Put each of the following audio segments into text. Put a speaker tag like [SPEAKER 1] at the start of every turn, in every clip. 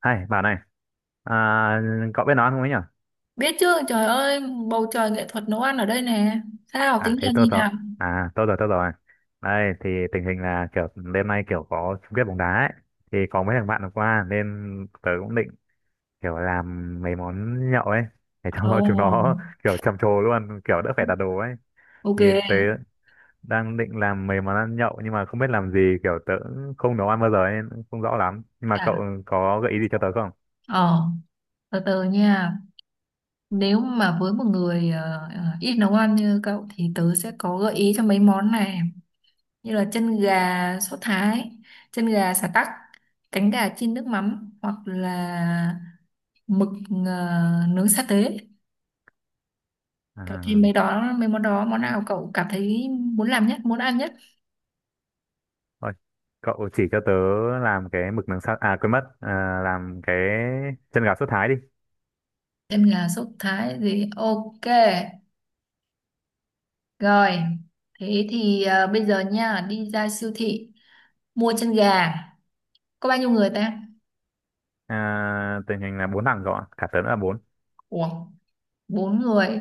[SPEAKER 1] Hay, bảo này, à, cậu biết nói không ấy nhở?
[SPEAKER 2] Biết chứ, trời ơi, bầu trời nghệ thuật nấu ăn ở đây nè. Sao,
[SPEAKER 1] À,
[SPEAKER 2] tính
[SPEAKER 1] thế
[SPEAKER 2] là
[SPEAKER 1] tôi
[SPEAKER 2] gì
[SPEAKER 1] rồi,
[SPEAKER 2] nào?
[SPEAKER 1] à, tôi rồi, tôi rồi. Đây, thì tình hình là kiểu đêm nay kiểu có chung kết bóng đá ấy. Thì có mấy thằng bạn hôm qua nên tớ cũng định kiểu làm mấy món nhậu ấy. Để cho chúng
[SPEAKER 2] Ồ,
[SPEAKER 1] nó kiểu trầm trồ luôn, kiểu đỡ phải đặt đồ ấy. Thì tớ
[SPEAKER 2] ok.
[SPEAKER 1] đang định làm mấy món ăn nhậu nhưng mà không biết làm gì, kiểu tớ cũng không nấu ăn bao giờ ấy, không rõ lắm. Nhưng mà
[SPEAKER 2] À,
[SPEAKER 1] cậu có gợi ý gì cho tớ không?
[SPEAKER 2] ờ, từ từ nha. Nếu mà với một người ít nấu ăn như cậu thì tớ sẽ có gợi ý cho mấy món này. Như là chân gà sốt Thái, chân gà sả tắc, cánh gà chiên nước mắm hoặc là mực ờ, nướng sa tế. Cậu thêm
[SPEAKER 1] À.
[SPEAKER 2] mấy đó, mấy món đó, món nào cậu cảm thấy muốn làm nhất, muốn ăn nhất?
[SPEAKER 1] Thôi, cậu chỉ cho tớ làm cái mực nướng sa à quên mất à, làm cái chân gà sốt thái đi.
[SPEAKER 2] Em là sốc thái gì? Ok. Rồi. Thế thì à, bây giờ nha, đi ra siêu thị mua chân gà. Có bao nhiêu người ta?
[SPEAKER 1] À, tình hình là bốn thằng cậu ạ, cả tớ nữa là bốn.
[SPEAKER 2] Ủa, bốn người.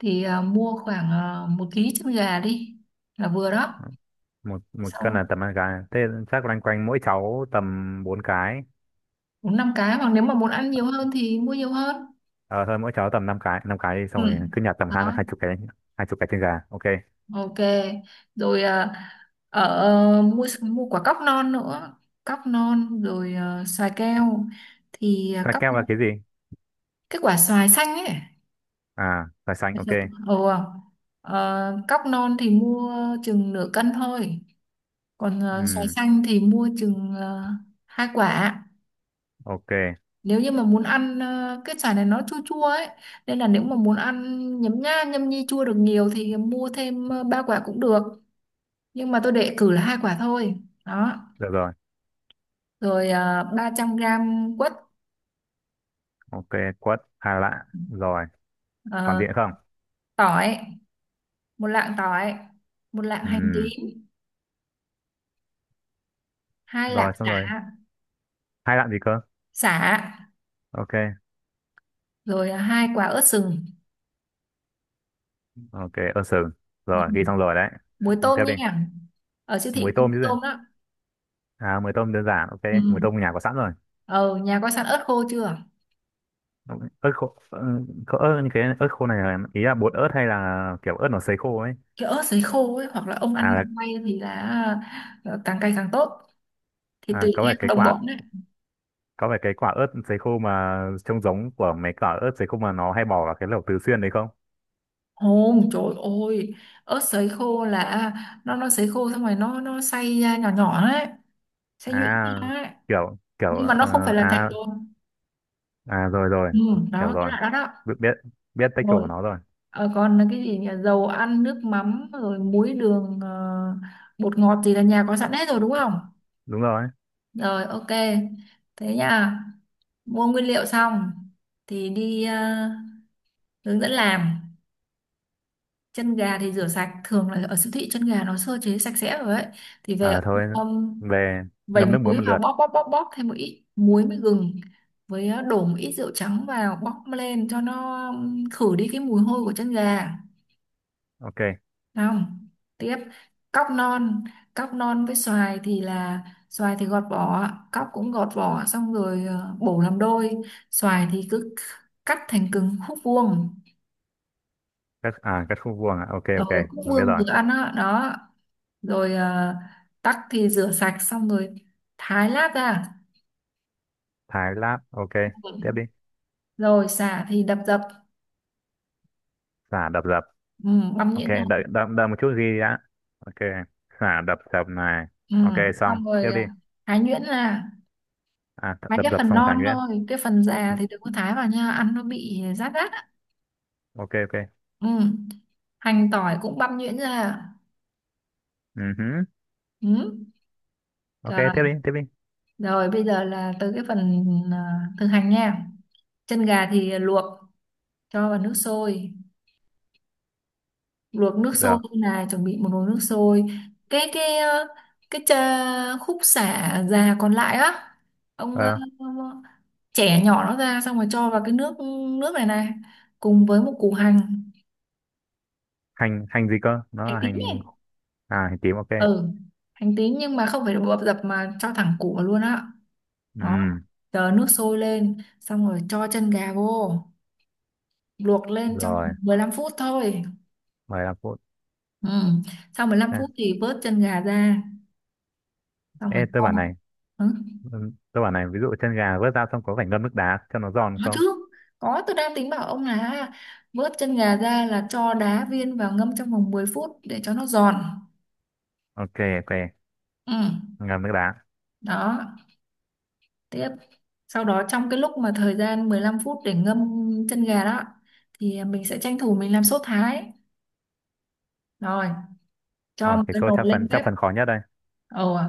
[SPEAKER 2] Thì à, mua khoảng 1 ký chân gà đi. Là vừa đó.
[SPEAKER 1] Một một cân
[SPEAKER 2] Xong
[SPEAKER 1] là tầm năm cái, thế chắc loanh quanh mỗi cháu tầm bốn cái.
[SPEAKER 2] bốn năm cái. Hoặc nếu mà muốn ăn nhiều hơn thì mua nhiều hơn.
[SPEAKER 1] Ờ thôi mỗi cháu tầm năm cái, năm cái đi, xong rồi
[SPEAKER 2] Ừ.
[SPEAKER 1] cứ nhặt tầm hai
[SPEAKER 2] Đó.
[SPEAKER 1] hai chục cái. Hai chục cái chân gà, ok.
[SPEAKER 2] Ok. Rồi à, ở mua mua quả cóc non nữa. Cóc non rồi à, xoài keo. Thì à,
[SPEAKER 1] Cái
[SPEAKER 2] cóc
[SPEAKER 1] keo là cái gì?
[SPEAKER 2] cái quả xoài xanh ấy
[SPEAKER 1] À là xanh,
[SPEAKER 2] Bạch.
[SPEAKER 1] ok.
[SPEAKER 2] Ừ. Ờ, cóc non thì mua chừng nửa cân thôi. Còn xoài
[SPEAKER 1] Ừ,
[SPEAKER 2] xanh thì mua chừng hai quả.
[SPEAKER 1] ok
[SPEAKER 2] Nếu như mà muốn ăn cái xoài này nó chua chua ấy, nên là nếu mà muốn ăn nhấm nha nhâm nhi chua được nhiều thì mua thêm ba quả cũng được. Nhưng mà tôi để cử là hai quả thôi. Đó.
[SPEAKER 1] được rồi,
[SPEAKER 2] Rồi 300 gram quất
[SPEAKER 1] ok. Quất 2 lạng rồi, còn
[SPEAKER 2] ờ,
[SPEAKER 1] gì nữa không?
[SPEAKER 2] tỏi, 1 lạng tỏi, một lạng hành
[SPEAKER 1] Ừ,
[SPEAKER 2] tím, hai lạng
[SPEAKER 1] rồi xong rồi.
[SPEAKER 2] chả,
[SPEAKER 1] Hai lạng gì cơ?
[SPEAKER 2] sả
[SPEAKER 1] Ok.
[SPEAKER 2] rồi à, hai quả ớt sừng.
[SPEAKER 1] Ok ơ sừng,
[SPEAKER 2] Ừ.
[SPEAKER 1] rồi ghi xong rồi đấy.
[SPEAKER 2] Muối tôm
[SPEAKER 1] Tiếp đi.
[SPEAKER 2] nha, ở siêu thị
[SPEAKER 1] Muối
[SPEAKER 2] cũng
[SPEAKER 1] tôm
[SPEAKER 2] có
[SPEAKER 1] chứ gì?
[SPEAKER 2] tôm đó.
[SPEAKER 1] À muối tôm đơn giản, ok.
[SPEAKER 2] Ừ.
[SPEAKER 1] Muối tôm nhà có sẵn rồi.
[SPEAKER 2] ờ nhà có sẵn ớt khô chưa.
[SPEAKER 1] Ok, ớt như cái ớt khô này là- ý là bột ớt hay là kiểu ớt nó sấy khô ấy?
[SPEAKER 2] Cái ớt sấy khô ấy hoặc là ông
[SPEAKER 1] à,
[SPEAKER 2] ăn
[SPEAKER 1] là,
[SPEAKER 2] quay thì là càng cay càng tốt thì
[SPEAKER 1] À
[SPEAKER 2] tùy
[SPEAKER 1] có
[SPEAKER 2] theo
[SPEAKER 1] phải cái
[SPEAKER 2] đồng
[SPEAKER 1] quả,
[SPEAKER 2] bọn đấy.
[SPEAKER 1] có phải cái quả ớt sấy khô mà trông giống của mấy quả ớt sấy khô mà nó hay bỏ vào cái lẩu Tứ Xuyên đấy không?
[SPEAKER 2] Ồ, trời ơi, ớt sấy khô là à, nó sấy khô xong rồi nó xay ra nhỏ nhỏ đấy, xay nhuyễn
[SPEAKER 1] À,
[SPEAKER 2] ra ấy.
[SPEAKER 1] kiểu kiểu
[SPEAKER 2] Nhưng mà nó không phải
[SPEAKER 1] ờ,
[SPEAKER 2] là thành
[SPEAKER 1] à
[SPEAKER 2] bột.
[SPEAKER 1] à, rồi rồi
[SPEAKER 2] Ừ, đó,
[SPEAKER 1] hiểu
[SPEAKER 2] cái
[SPEAKER 1] rồi.
[SPEAKER 2] loại đó đó.
[SPEAKER 1] Biết biết biết texture của
[SPEAKER 2] Rồi.
[SPEAKER 1] nó rồi.
[SPEAKER 2] Ờ, còn là cái gì nhỉ, dầu ăn nước mắm rồi muối đường bột ngọt gì là nhà có sẵn hết rồi đúng không.
[SPEAKER 1] Đúng rồi.
[SPEAKER 2] Rồi, ok, thế nha. Mua nguyên liệu xong thì đi hướng dẫn làm chân gà thì rửa sạch, thường là ở siêu thị chân gà nó sơ chế sạch sẽ rồi ấy, thì về
[SPEAKER 1] À thôi,
[SPEAKER 2] um,
[SPEAKER 1] về
[SPEAKER 2] vẩy
[SPEAKER 1] ngâm nước muối một
[SPEAKER 2] muối vào
[SPEAKER 1] lượt,
[SPEAKER 2] bóp bóp bóp bóp, thêm một ít muối với gừng với đổ một ít rượu trắng vào bóp lên cho nó khử đi cái mùi hôi của chân gà.
[SPEAKER 1] ok.
[SPEAKER 2] Không. Tiếp. Cóc non, cóc non với xoài thì là xoài thì gọt vỏ, cóc cũng gọt vỏ xong rồi bổ làm đôi, xoài thì cứ cắt thành cứng khúc vuông,
[SPEAKER 1] Cắt à cắt khúc vuông à, ok
[SPEAKER 2] ở
[SPEAKER 1] ok,
[SPEAKER 2] khúc
[SPEAKER 1] mình biết
[SPEAKER 2] vuông
[SPEAKER 1] rồi.
[SPEAKER 2] vừa ăn đó, đó. Rồi tắc thì rửa sạch xong rồi thái lát ra.
[SPEAKER 1] Thái lát, ok, tiếp đi.
[SPEAKER 2] Rồi sả thì đập dập.
[SPEAKER 1] Xả đập dập,
[SPEAKER 2] Ừ, băm
[SPEAKER 1] ok,
[SPEAKER 2] nhuyễn ra.
[SPEAKER 1] đợi đợi, đợi một chút ghi đã, ok. Xả đập dập này,
[SPEAKER 2] Ừ.
[SPEAKER 1] ok, xong
[SPEAKER 2] Xong
[SPEAKER 1] tiếp
[SPEAKER 2] rồi à,
[SPEAKER 1] đi.
[SPEAKER 2] thái nhuyễn ra
[SPEAKER 1] À
[SPEAKER 2] mấy
[SPEAKER 1] đập
[SPEAKER 2] cái
[SPEAKER 1] dập
[SPEAKER 2] phần
[SPEAKER 1] xong một thái
[SPEAKER 2] non
[SPEAKER 1] nhuyễn.
[SPEAKER 2] thôi, cái phần già
[SPEAKER 1] Ừ,
[SPEAKER 2] thì đừng có thái vào nha, ăn nó bị rát rát á.
[SPEAKER 1] ok ok,
[SPEAKER 2] Ừ. Hành tỏi cũng băm nhuyễn ra à?
[SPEAKER 1] ừ hứ.
[SPEAKER 2] Ừ.
[SPEAKER 1] Ok
[SPEAKER 2] Rồi.
[SPEAKER 1] tiếp đi, tiếp đi.
[SPEAKER 2] Rồi bây giờ là tới cái phần à, thực hành nha. Chân gà thì luộc cho vào nước sôi, luộc nước sôi
[SPEAKER 1] Được.
[SPEAKER 2] là chuẩn bị một nồi nước sôi, cái cái ờ, cái chà, khúc sả già còn lại á ông
[SPEAKER 1] Ờ,
[SPEAKER 2] chẻ nhỏ nó ra xong rồi cho vào cái nước, nước này này, cùng với một củ hành,
[SPEAKER 1] hành hành gì cơ, nó
[SPEAKER 2] hành
[SPEAKER 1] là
[SPEAKER 2] tím
[SPEAKER 1] hành?
[SPEAKER 2] nhỉ.
[SPEAKER 1] À hành tím, ok.
[SPEAKER 2] Ừ. Hành tím nhưng mà không phải bập dập mà cho thẳng củ vào luôn á.
[SPEAKER 1] Ừ,
[SPEAKER 2] Đó. Chờ nước sôi lên xong rồi cho chân gà vô, luộc lên trong
[SPEAKER 1] rồi.
[SPEAKER 2] 15 phút thôi.
[SPEAKER 1] 15 phút.
[SPEAKER 2] Ừ. Sau mười lăm
[SPEAKER 1] À,
[SPEAKER 2] phút thì vớt chân gà ra xong rồi
[SPEAKER 1] ê tôi
[SPEAKER 2] cho.
[SPEAKER 1] bảo này,
[SPEAKER 2] Ừ.
[SPEAKER 1] ừ, tôi bảo này, ví dụ chân gà vớt ra xong có phải ngâm nước đá cho nó giòn
[SPEAKER 2] Có
[SPEAKER 1] không?
[SPEAKER 2] chứ, có, tôi đang tính bảo ông là vớt chân gà ra là cho đá viên vào ngâm trong vòng 10 phút để cho nó giòn.
[SPEAKER 1] Ok, ok,
[SPEAKER 2] Ừ.
[SPEAKER 1] ngâm nước đá.
[SPEAKER 2] Đó. Tiếp. Sau đó trong cái lúc mà thời gian 15 phút để ngâm chân gà đó thì mình sẽ tranh thủ mình làm sốt thái. Rồi cho
[SPEAKER 1] Ờ,
[SPEAKER 2] một
[SPEAKER 1] cái
[SPEAKER 2] cái
[SPEAKER 1] số
[SPEAKER 2] nồi lên
[SPEAKER 1] chắc
[SPEAKER 2] bếp.
[SPEAKER 1] phần khó nhất đây.
[SPEAKER 2] Ồ, à,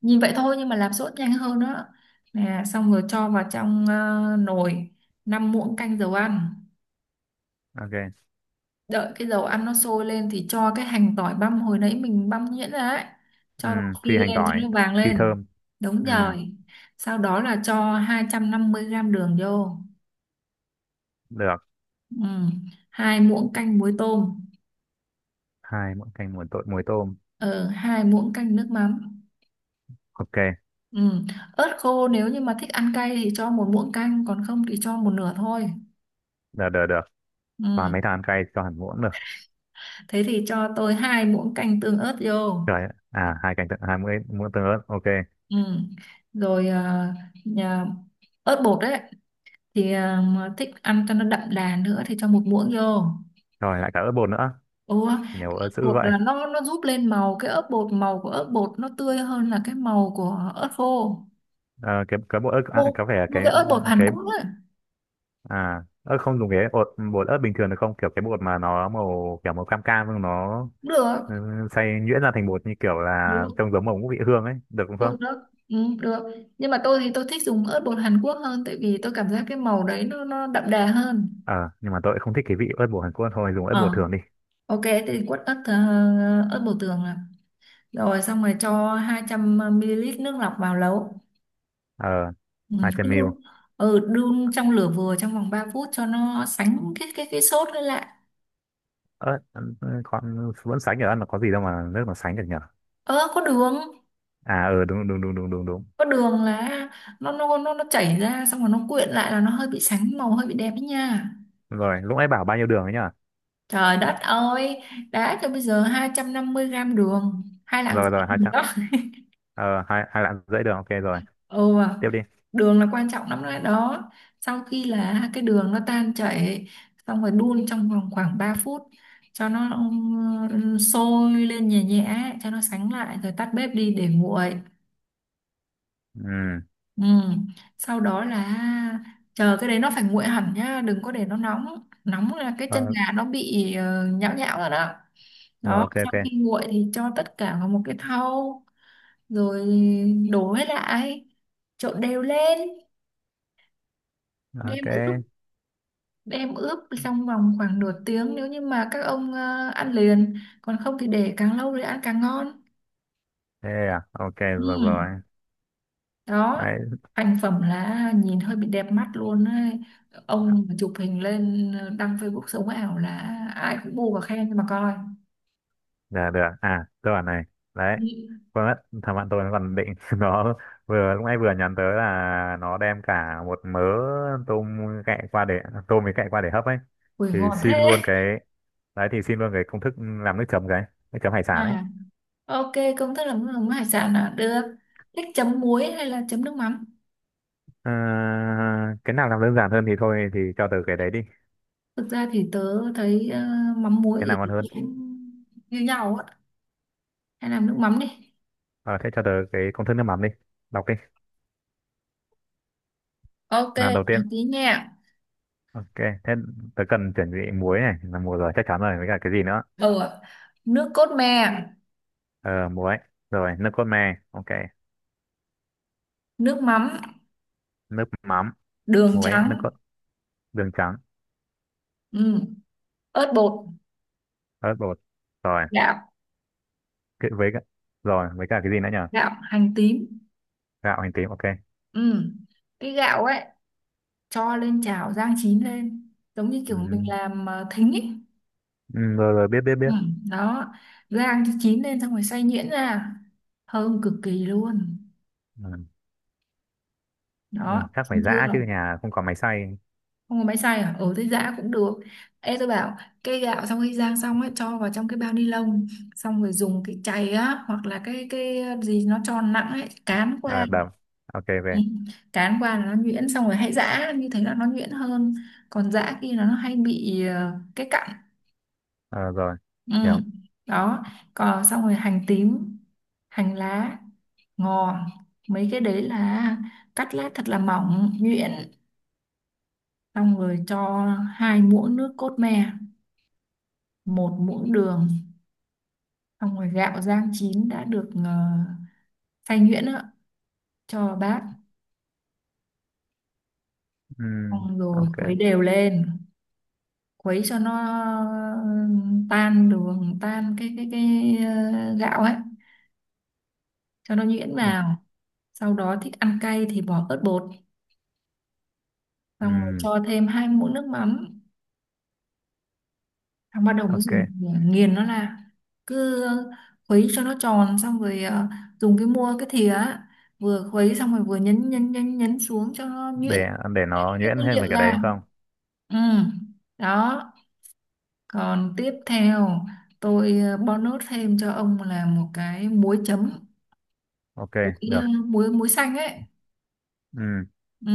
[SPEAKER 2] nhìn vậy thôi nhưng mà làm sốt nhanh hơn đó. Nè, xong rồi cho vào trong nồi 5 muỗng canh dầu ăn.
[SPEAKER 1] Ok.
[SPEAKER 2] Đợi cái dầu ăn nó sôi lên thì cho cái hành tỏi băm hồi nãy mình băm nhuyễn ra ấy.
[SPEAKER 1] Ừ,
[SPEAKER 2] Cho nó phi
[SPEAKER 1] phi hành
[SPEAKER 2] lên cho
[SPEAKER 1] tỏi,
[SPEAKER 2] nó vàng
[SPEAKER 1] phi
[SPEAKER 2] lên.
[SPEAKER 1] thơm.
[SPEAKER 2] Đúng
[SPEAKER 1] Ừ,
[SPEAKER 2] rồi. Sau đó là cho 250 gram đường vô.
[SPEAKER 1] được.
[SPEAKER 2] Ừ. 2 muỗng canh muối tôm.
[SPEAKER 1] Hai muỗng canh muối tôm, muối tôm.
[SPEAKER 2] Ừ, 2 muỗng canh nước mắm.
[SPEAKER 1] Ok,
[SPEAKER 2] Ừ. Ớt khô nếu như mà thích ăn cay thì cho 1 muỗng canh còn không thì cho một nửa thôi.
[SPEAKER 1] được được được. Và
[SPEAKER 2] Ừ.
[SPEAKER 1] mấy thằng ăn cay cho hẳn muỗng được.
[SPEAKER 2] Thế thì cho tôi 2 muỗng canh tương ớt vô.
[SPEAKER 1] Trời ạ. À, hai canh tương- hai muỗng muỗng tương ớt. Ok.
[SPEAKER 2] Ừ. Rồi nhà- ớt bột đấy thì mà thích ăn cho nó đậm đà nữa thì cho một muỗng vô.
[SPEAKER 1] Rồi lại cả ớt bột nữa.
[SPEAKER 2] Ủa,
[SPEAKER 1] Nhiều ớt dữ
[SPEAKER 2] bột
[SPEAKER 1] vậy.
[SPEAKER 2] là nó giúp lên màu, cái ớt bột, màu của ớt bột nó tươi hơn là cái màu của ớt khô.
[SPEAKER 1] Ờ, cái bột ớt à,
[SPEAKER 2] Mua,
[SPEAKER 1] có vẻ
[SPEAKER 2] mua
[SPEAKER 1] cái
[SPEAKER 2] cái ớt bột Hàn
[SPEAKER 1] cái
[SPEAKER 2] Quốc ấy.
[SPEAKER 1] ớt không dùng cái bột bột ớt bình thường được không? Kiểu cái bột mà nó màu kiểu màu cam cam nhưng nó
[SPEAKER 2] Được,
[SPEAKER 1] ừ, xay nhuyễn ra thành bột như kiểu là
[SPEAKER 2] được,
[SPEAKER 1] trông giống màu ngũ vị hương ấy, được không?
[SPEAKER 2] được, được. Ừ, được. Nhưng mà tôi thì tôi thích dùng ớt bột Hàn Quốc hơn tại vì tôi cảm giác cái màu đấy nó đậm đà hơn.
[SPEAKER 1] Ờ nhưng mà tôi lại không thích cái vị ớt bột Hàn Quốc, thôi dùng ớt bột
[SPEAKER 2] Ờ,
[SPEAKER 1] thường đi.
[SPEAKER 2] ok thế thì quất ớt ớt bột tường rồi xong rồi cho 200 ml nước lọc vào lẩu,
[SPEAKER 1] Ờ,
[SPEAKER 2] ừ,
[SPEAKER 1] hai
[SPEAKER 2] cứ
[SPEAKER 1] trăm mêu
[SPEAKER 2] đun, đun trong lửa vừa trong vòng 3 phút cho nó sánh cái sốt lên lại.
[SPEAKER 1] ớt. Ừ, con vẫn sánh được ăn, là có gì đâu mà nước mà sánh được nhở.
[SPEAKER 2] Ơ có đường.
[SPEAKER 1] À ừ đúng đúng đúng đúng đúng đúng.
[SPEAKER 2] Có đường là nó chảy ra xong rồi nó quyện lại là nó hơi bị sánh màu, hơi bị đẹp ấy nha.
[SPEAKER 1] Rồi lúc nãy bảo bao nhiêu đường ấy nhở?
[SPEAKER 2] Trời đất ơi, đã cho bây giờ 250 gram đường, hai lạng
[SPEAKER 1] Rồi
[SPEAKER 2] rưỡi
[SPEAKER 1] rồi, hai trăm, ờ, hai hai lạng rưỡi đường, ok rồi,
[SPEAKER 2] Ừ,
[SPEAKER 1] tiếp đi.
[SPEAKER 2] đường là quan trọng lắm đấy đó. Sau khi là cái đường nó tan chảy, xong rồi đun trong vòng khoảng 3 phút cho nó sôi lên nhẹ nhẹ, cho nó sánh lại rồi tắt bếp đi để nguội.
[SPEAKER 1] Ừ,
[SPEAKER 2] Ừ. Sau đó là chờ cái đấy nó phải nguội hẳn nhá, đừng có để nó nóng. Nóng là cái chân
[SPEAKER 1] ờ,
[SPEAKER 2] gà nó bị nhão nhão rồi đó.
[SPEAKER 1] rồi
[SPEAKER 2] Đó,
[SPEAKER 1] ok
[SPEAKER 2] sau
[SPEAKER 1] ok.
[SPEAKER 2] khi nguội thì cho tất cả vào một cái thau rồi đổ hết lại, trộn đều lên. Đêm
[SPEAKER 1] Ok
[SPEAKER 2] đem ướp trong vòng khoảng nửa tiếng nếu như mà các ông ăn liền, còn không thì để càng lâu thì ăn càng ngon.
[SPEAKER 1] thế à, ok rồi rồi.
[SPEAKER 2] Ừ. Đó.
[SPEAKER 1] Đấy.
[SPEAKER 2] Thành phẩm là nhìn hơi bị đẹp mắt luôn ấy. Ông mà chụp hình lên đăng Facebook sống ảo là ai cũng bu và khen nhưng mà coi.
[SPEAKER 1] Dạ được, à tôi bảo này, đấy
[SPEAKER 2] Ừ.
[SPEAKER 1] quên mất, thằng bạn tôi nó còn định nó vừa lúc nãy vừa nhắn tới là nó đem cả một mớ tôm cạy qua để tôm với cạy qua để hấp ấy,
[SPEAKER 2] Ui
[SPEAKER 1] thì
[SPEAKER 2] ngon thế.
[SPEAKER 1] xin luôn cái, đấy thì xin luôn cái công thức làm nước chấm, cái nước chấm hải
[SPEAKER 2] À,
[SPEAKER 1] sản ấy.
[SPEAKER 2] ok, công thức làm nước mắm hải sản là được. Thích chấm muối hay là chấm nước mắm.
[SPEAKER 1] Ờ, cái nào làm đơn giản hơn thì thôi thì cho tớ cái đấy đi.
[SPEAKER 2] Thực ra thì tớ thấy mắm
[SPEAKER 1] Cái
[SPEAKER 2] muối
[SPEAKER 1] nào ngon
[SPEAKER 2] thì
[SPEAKER 1] hơn.
[SPEAKER 2] cũng như nhau á. Hay làm nước mắm đi.
[SPEAKER 1] Ờ, thế cho tớ cái công thức nước mắm đi, đọc đi.
[SPEAKER 2] Ok,
[SPEAKER 1] Làm đầu
[SPEAKER 2] chào
[SPEAKER 1] tiên,
[SPEAKER 2] tí nha.
[SPEAKER 1] ok. Thế tớ cần chuẩn bị muối này, là muối rồi chắc chắn rồi, với cả cái gì nữa?
[SPEAKER 2] Ừ, ạ. Nước cốt me,
[SPEAKER 1] Ờ muối, rồi nước cốt me, ok.
[SPEAKER 2] nước mắm,
[SPEAKER 1] Nước mắm,
[SPEAKER 2] đường
[SPEAKER 1] muối, nước
[SPEAKER 2] trắng,
[SPEAKER 1] cốt, đường trắng,
[SPEAKER 2] ừ, ớt bột,
[SPEAKER 1] ớt bột, rồi
[SPEAKER 2] gạo,
[SPEAKER 1] cái- với cả, rồi với cả cái gì nữa nhỉ?
[SPEAKER 2] gạo, hành tím.
[SPEAKER 1] Gạo, hành tím, ok.
[SPEAKER 2] Ừ. Cái gạo ấy cho lên chảo rang chín lên, giống như kiểu mình
[SPEAKER 1] Ừ.
[SPEAKER 2] làm thính ấy.
[SPEAKER 1] Ừ, rồi rồi biết biết
[SPEAKER 2] Ừ.
[SPEAKER 1] biết.
[SPEAKER 2] Đó, rang cho chín lên xong rồi xay nhuyễn ra. Thơm cực kỳ luôn.
[SPEAKER 1] Ừ. Ừ.
[SPEAKER 2] Đó,
[SPEAKER 1] Chắc phải
[SPEAKER 2] chín chưa?
[SPEAKER 1] giã chứ nhà không có máy xay.
[SPEAKER 2] Không có máy xay à? Ừ thế giã cũng được. Ê tôi bảo cái gạo sau khi rang xong ấy cho vào trong cái bao ni lông xong rồi dùng cái chày á hoặc là cái gì nó tròn nặng ấy cán qua.
[SPEAKER 1] À, đập, ok,
[SPEAKER 2] Ừ,
[SPEAKER 1] về.
[SPEAKER 2] cán qua là nó nhuyễn xong rồi hãy giã, như thế là nó nhuyễn hơn, còn giã kia là nó hay bị cái cặn.
[SPEAKER 1] Ờ, rồi,
[SPEAKER 2] Ừ.
[SPEAKER 1] hiểu.
[SPEAKER 2] Đó. Còn xong rồi hành tím, hành lá, ngò, mấy cái đấy là cắt lát thật là mỏng nhuyễn, xong rồi cho 2 muỗng nước cốt me, 1 muỗng đường, xong rồi gạo rang chín đã được xay nhuyễn á, cho vào bát,
[SPEAKER 1] Ừ,
[SPEAKER 2] xong rồi
[SPEAKER 1] ok,
[SPEAKER 2] khuấy đều lên, khuấy cho nó tan đường, tan gạo ấy, cho nó nhuyễn vào. Sau đó thích ăn cay thì bỏ ớt bột,
[SPEAKER 1] ừ,
[SPEAKER 2] xong rồi cho thêm 2 muỗng nước mắm. Thằng bắt đầu mới
[SPEAKER 1] ok,
[SPEAKER 2] dùng nghiền nó ra. Cứ khuấy cho nó tròn xong rồi dùng cái thìa á, vừa khuấy xong rồi vừa nhấn nhấn nhấn nhấn xuống cho nó nhuyễn
[SPEAKER 1] để để nó
[SPEAKER 2] cái
[SPEAKER 1] nhuyễn
[SPEAKER 2] nguyên
[SPEAKER 1] thêm về
[SPEAKER 2] liệu
[SPEAKER 1] cái
[SPEAKER 2] ra.
[SPEAKER 1] đấy không?
[SPEAKER 2] Ừ. Đó. Còn tiếp theo tôi bonus thêm cho ông là một cái muối chấm.
[SPEAKER 1] Ok,
[SPEAKER 2] muối ờ,
[SPEAKER 1] được,
[SPEAKER 2] muối muối xanh ấy.
[SPEAKER 1] ừ.
[SPEAKER 2] Ừ,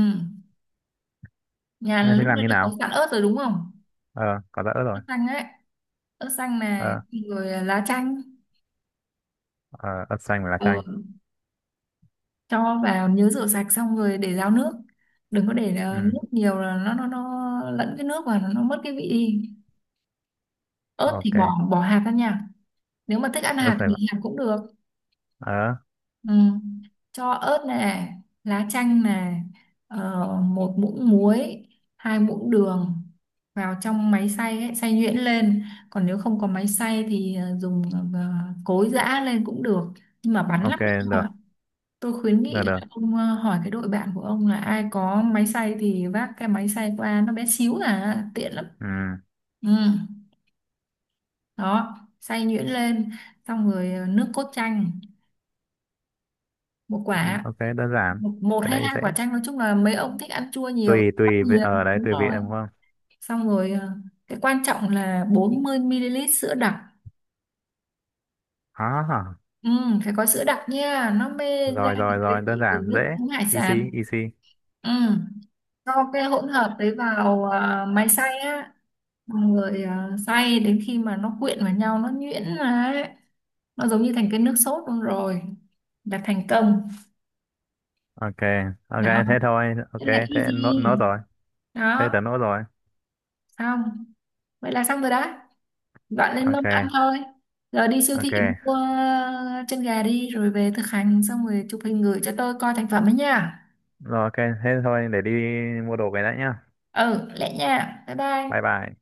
[SPEAKER 2] nhà
[SPEAKER 1] Thế thì
[SPEAKER 2] lúc
[SPEAKER 1] làm
[SPEAKER 2] nãy
[SPEAKER 1] như
[SPEAKER 2] đã có
[SPEAKER 1] nào?
[SPEAKER 2] sẵn ớt rồi đúng không.
[SPEAKER 1] Ờ, có giã ớt
[SPEAKER 2] Ớt
[SPEAKER 1] rồi,
[SPEAKER 2] xanh ấy, ớt xanh này.
[SPEAKER 1] ờ.
[SPEAKER 2] Rồi lá chanh.
[SPEAKER 1] Ờ, ớt xanh và lá chanh,
[SPEAKER 2] Ừ, cho vào nhớ rửa sạch xong rồi để ráo nước, đừng có để
[SPEAKER 1] ừ,
[SPEAKER 2] nước nhiều là nó lẫn cái nước và nó mất cái vị đi. Ớt thì
[SPEAKER 1] ok.
[SPEAKER 2] bỏ bỏ hạt ra nha. Nếu mà thích ăn
[SPEAKER 1] Ớt
[SPEAKER 2] hạt
[SPEAKER 1] phải,
[SPEAKER 2] thì hạt cũng được.
[SPEAKER 1] ờ,
[SPEAKER 2] Ừ. Cho ớt nè, lá chanh nè, 1 muỗng muối, 2 muỗng đường, vào trong máy xay ấy, xay nhuyễn lên. Còn nếu không có máy xay thì ờ, dùng ờ, cối giã lên cũng được nhưng mà bắn lắm.
[SPEAKER 1] ok được
[SPEAKER 2] Tôi khuyến nghị
[SPEAKER 1] được được.
[SPEAKER 2] là ông hỏi cái đội bạn của ông là ai có máy xay thì vác cái máy xay qua, nó bé xíu à, tiện lắm.
[SPEAKER 1] Ừ,
[SPEAKER 2] Ừ, đó, xay nhuyễn lên, xong rồi nước cốt chanh, một quả,
[SPEAKER 1] ok, đơn giản.
[SPEAKER 2] một
[SPEAKER 1] Cái
[SPEAKER 2] hay
[SPEAKER 1] đấy
[SPEAKER 2] hai
[SPEAKER 1] dễ.
[SPEAKER 2] quả chanh, nói chung là mấy ông thích ăn chua nhiều,
[SPEAKER 1] Tùy,
[SPEAKER 2] bắt
[SPEAKER 1] tùy, vị-
[SPEAKER 2] nhiều,
[SPEAKER 1] ở đấy
[SPEAKER 2] đúng
[SPEAKER 1] tùy vị
[SPEAKER 2] rồi.
[SPEAKER 1] đúng không?
[SPEAKER 2] Xong rồi cái quan trọng là 40 ml sữa đặc.
[SPEAKER 1] À,
[SPEAKER 2] Ừ, phải có sữa đặc nha, nó mê ra
[SPEAKER 1] rồi,
[SPEAKER 2] được
[SPEAKER 1] rồi,
[SPEAKER 2] cái
[SPEAKER 1] rồi, đơn
[SPEAKER 2] vị của
[SPEAKER 1] giản,
[SPEAKER 2] nước
[SPEAKER 1] dễ.
[SPEAKER 2] uống hải sản.
[SPEAKER 1] Easy, easy.
[SPEAKER 2] Ừ, cho cái hỗn hợp đấy vào máy xay á. Xong rồi à, xay đến khi mà nó quyện vào nhau, nó nhuyễn ra ấy. Nó giống như thành cái nước sốt luôn rồi là thành công.
[SPEAKER 1] Ok, ok,
[SPEAKER 2] Đó,
[SPEAKER 1] thế thôi. Ok,
[SPEAKER 2] thế là
[SPEAKER 1] thế
[SPEAKER 2] easy.
[SPEAKER 1] nốt, nốt rồi. Thế
[SPEAKER 2] Đó.
[SPEAKER 1] tớ nốt rồi.
[SPEAKER 2] Xong, vậy là xong rồi đó, dọn lên mâm
[SPEAKER 1] Ok,
[SPEAKER 2] ăn thôi. Giờ đi siêu
[SPEAKER 1] ok.
[SPEAKER 2] thị mua chân gà đi rồi về thực hành xong rồi chụp hình gửi cho tôi coi thành phẩm ấy nha.
[SPEAKER 1] Rồi, ok, thế thôi, để đi mua đồ về đã nhá.
[SPEAKER 2] Ừ, lẹ nha, bye bye.
[SPEAKER 1] Bye bye.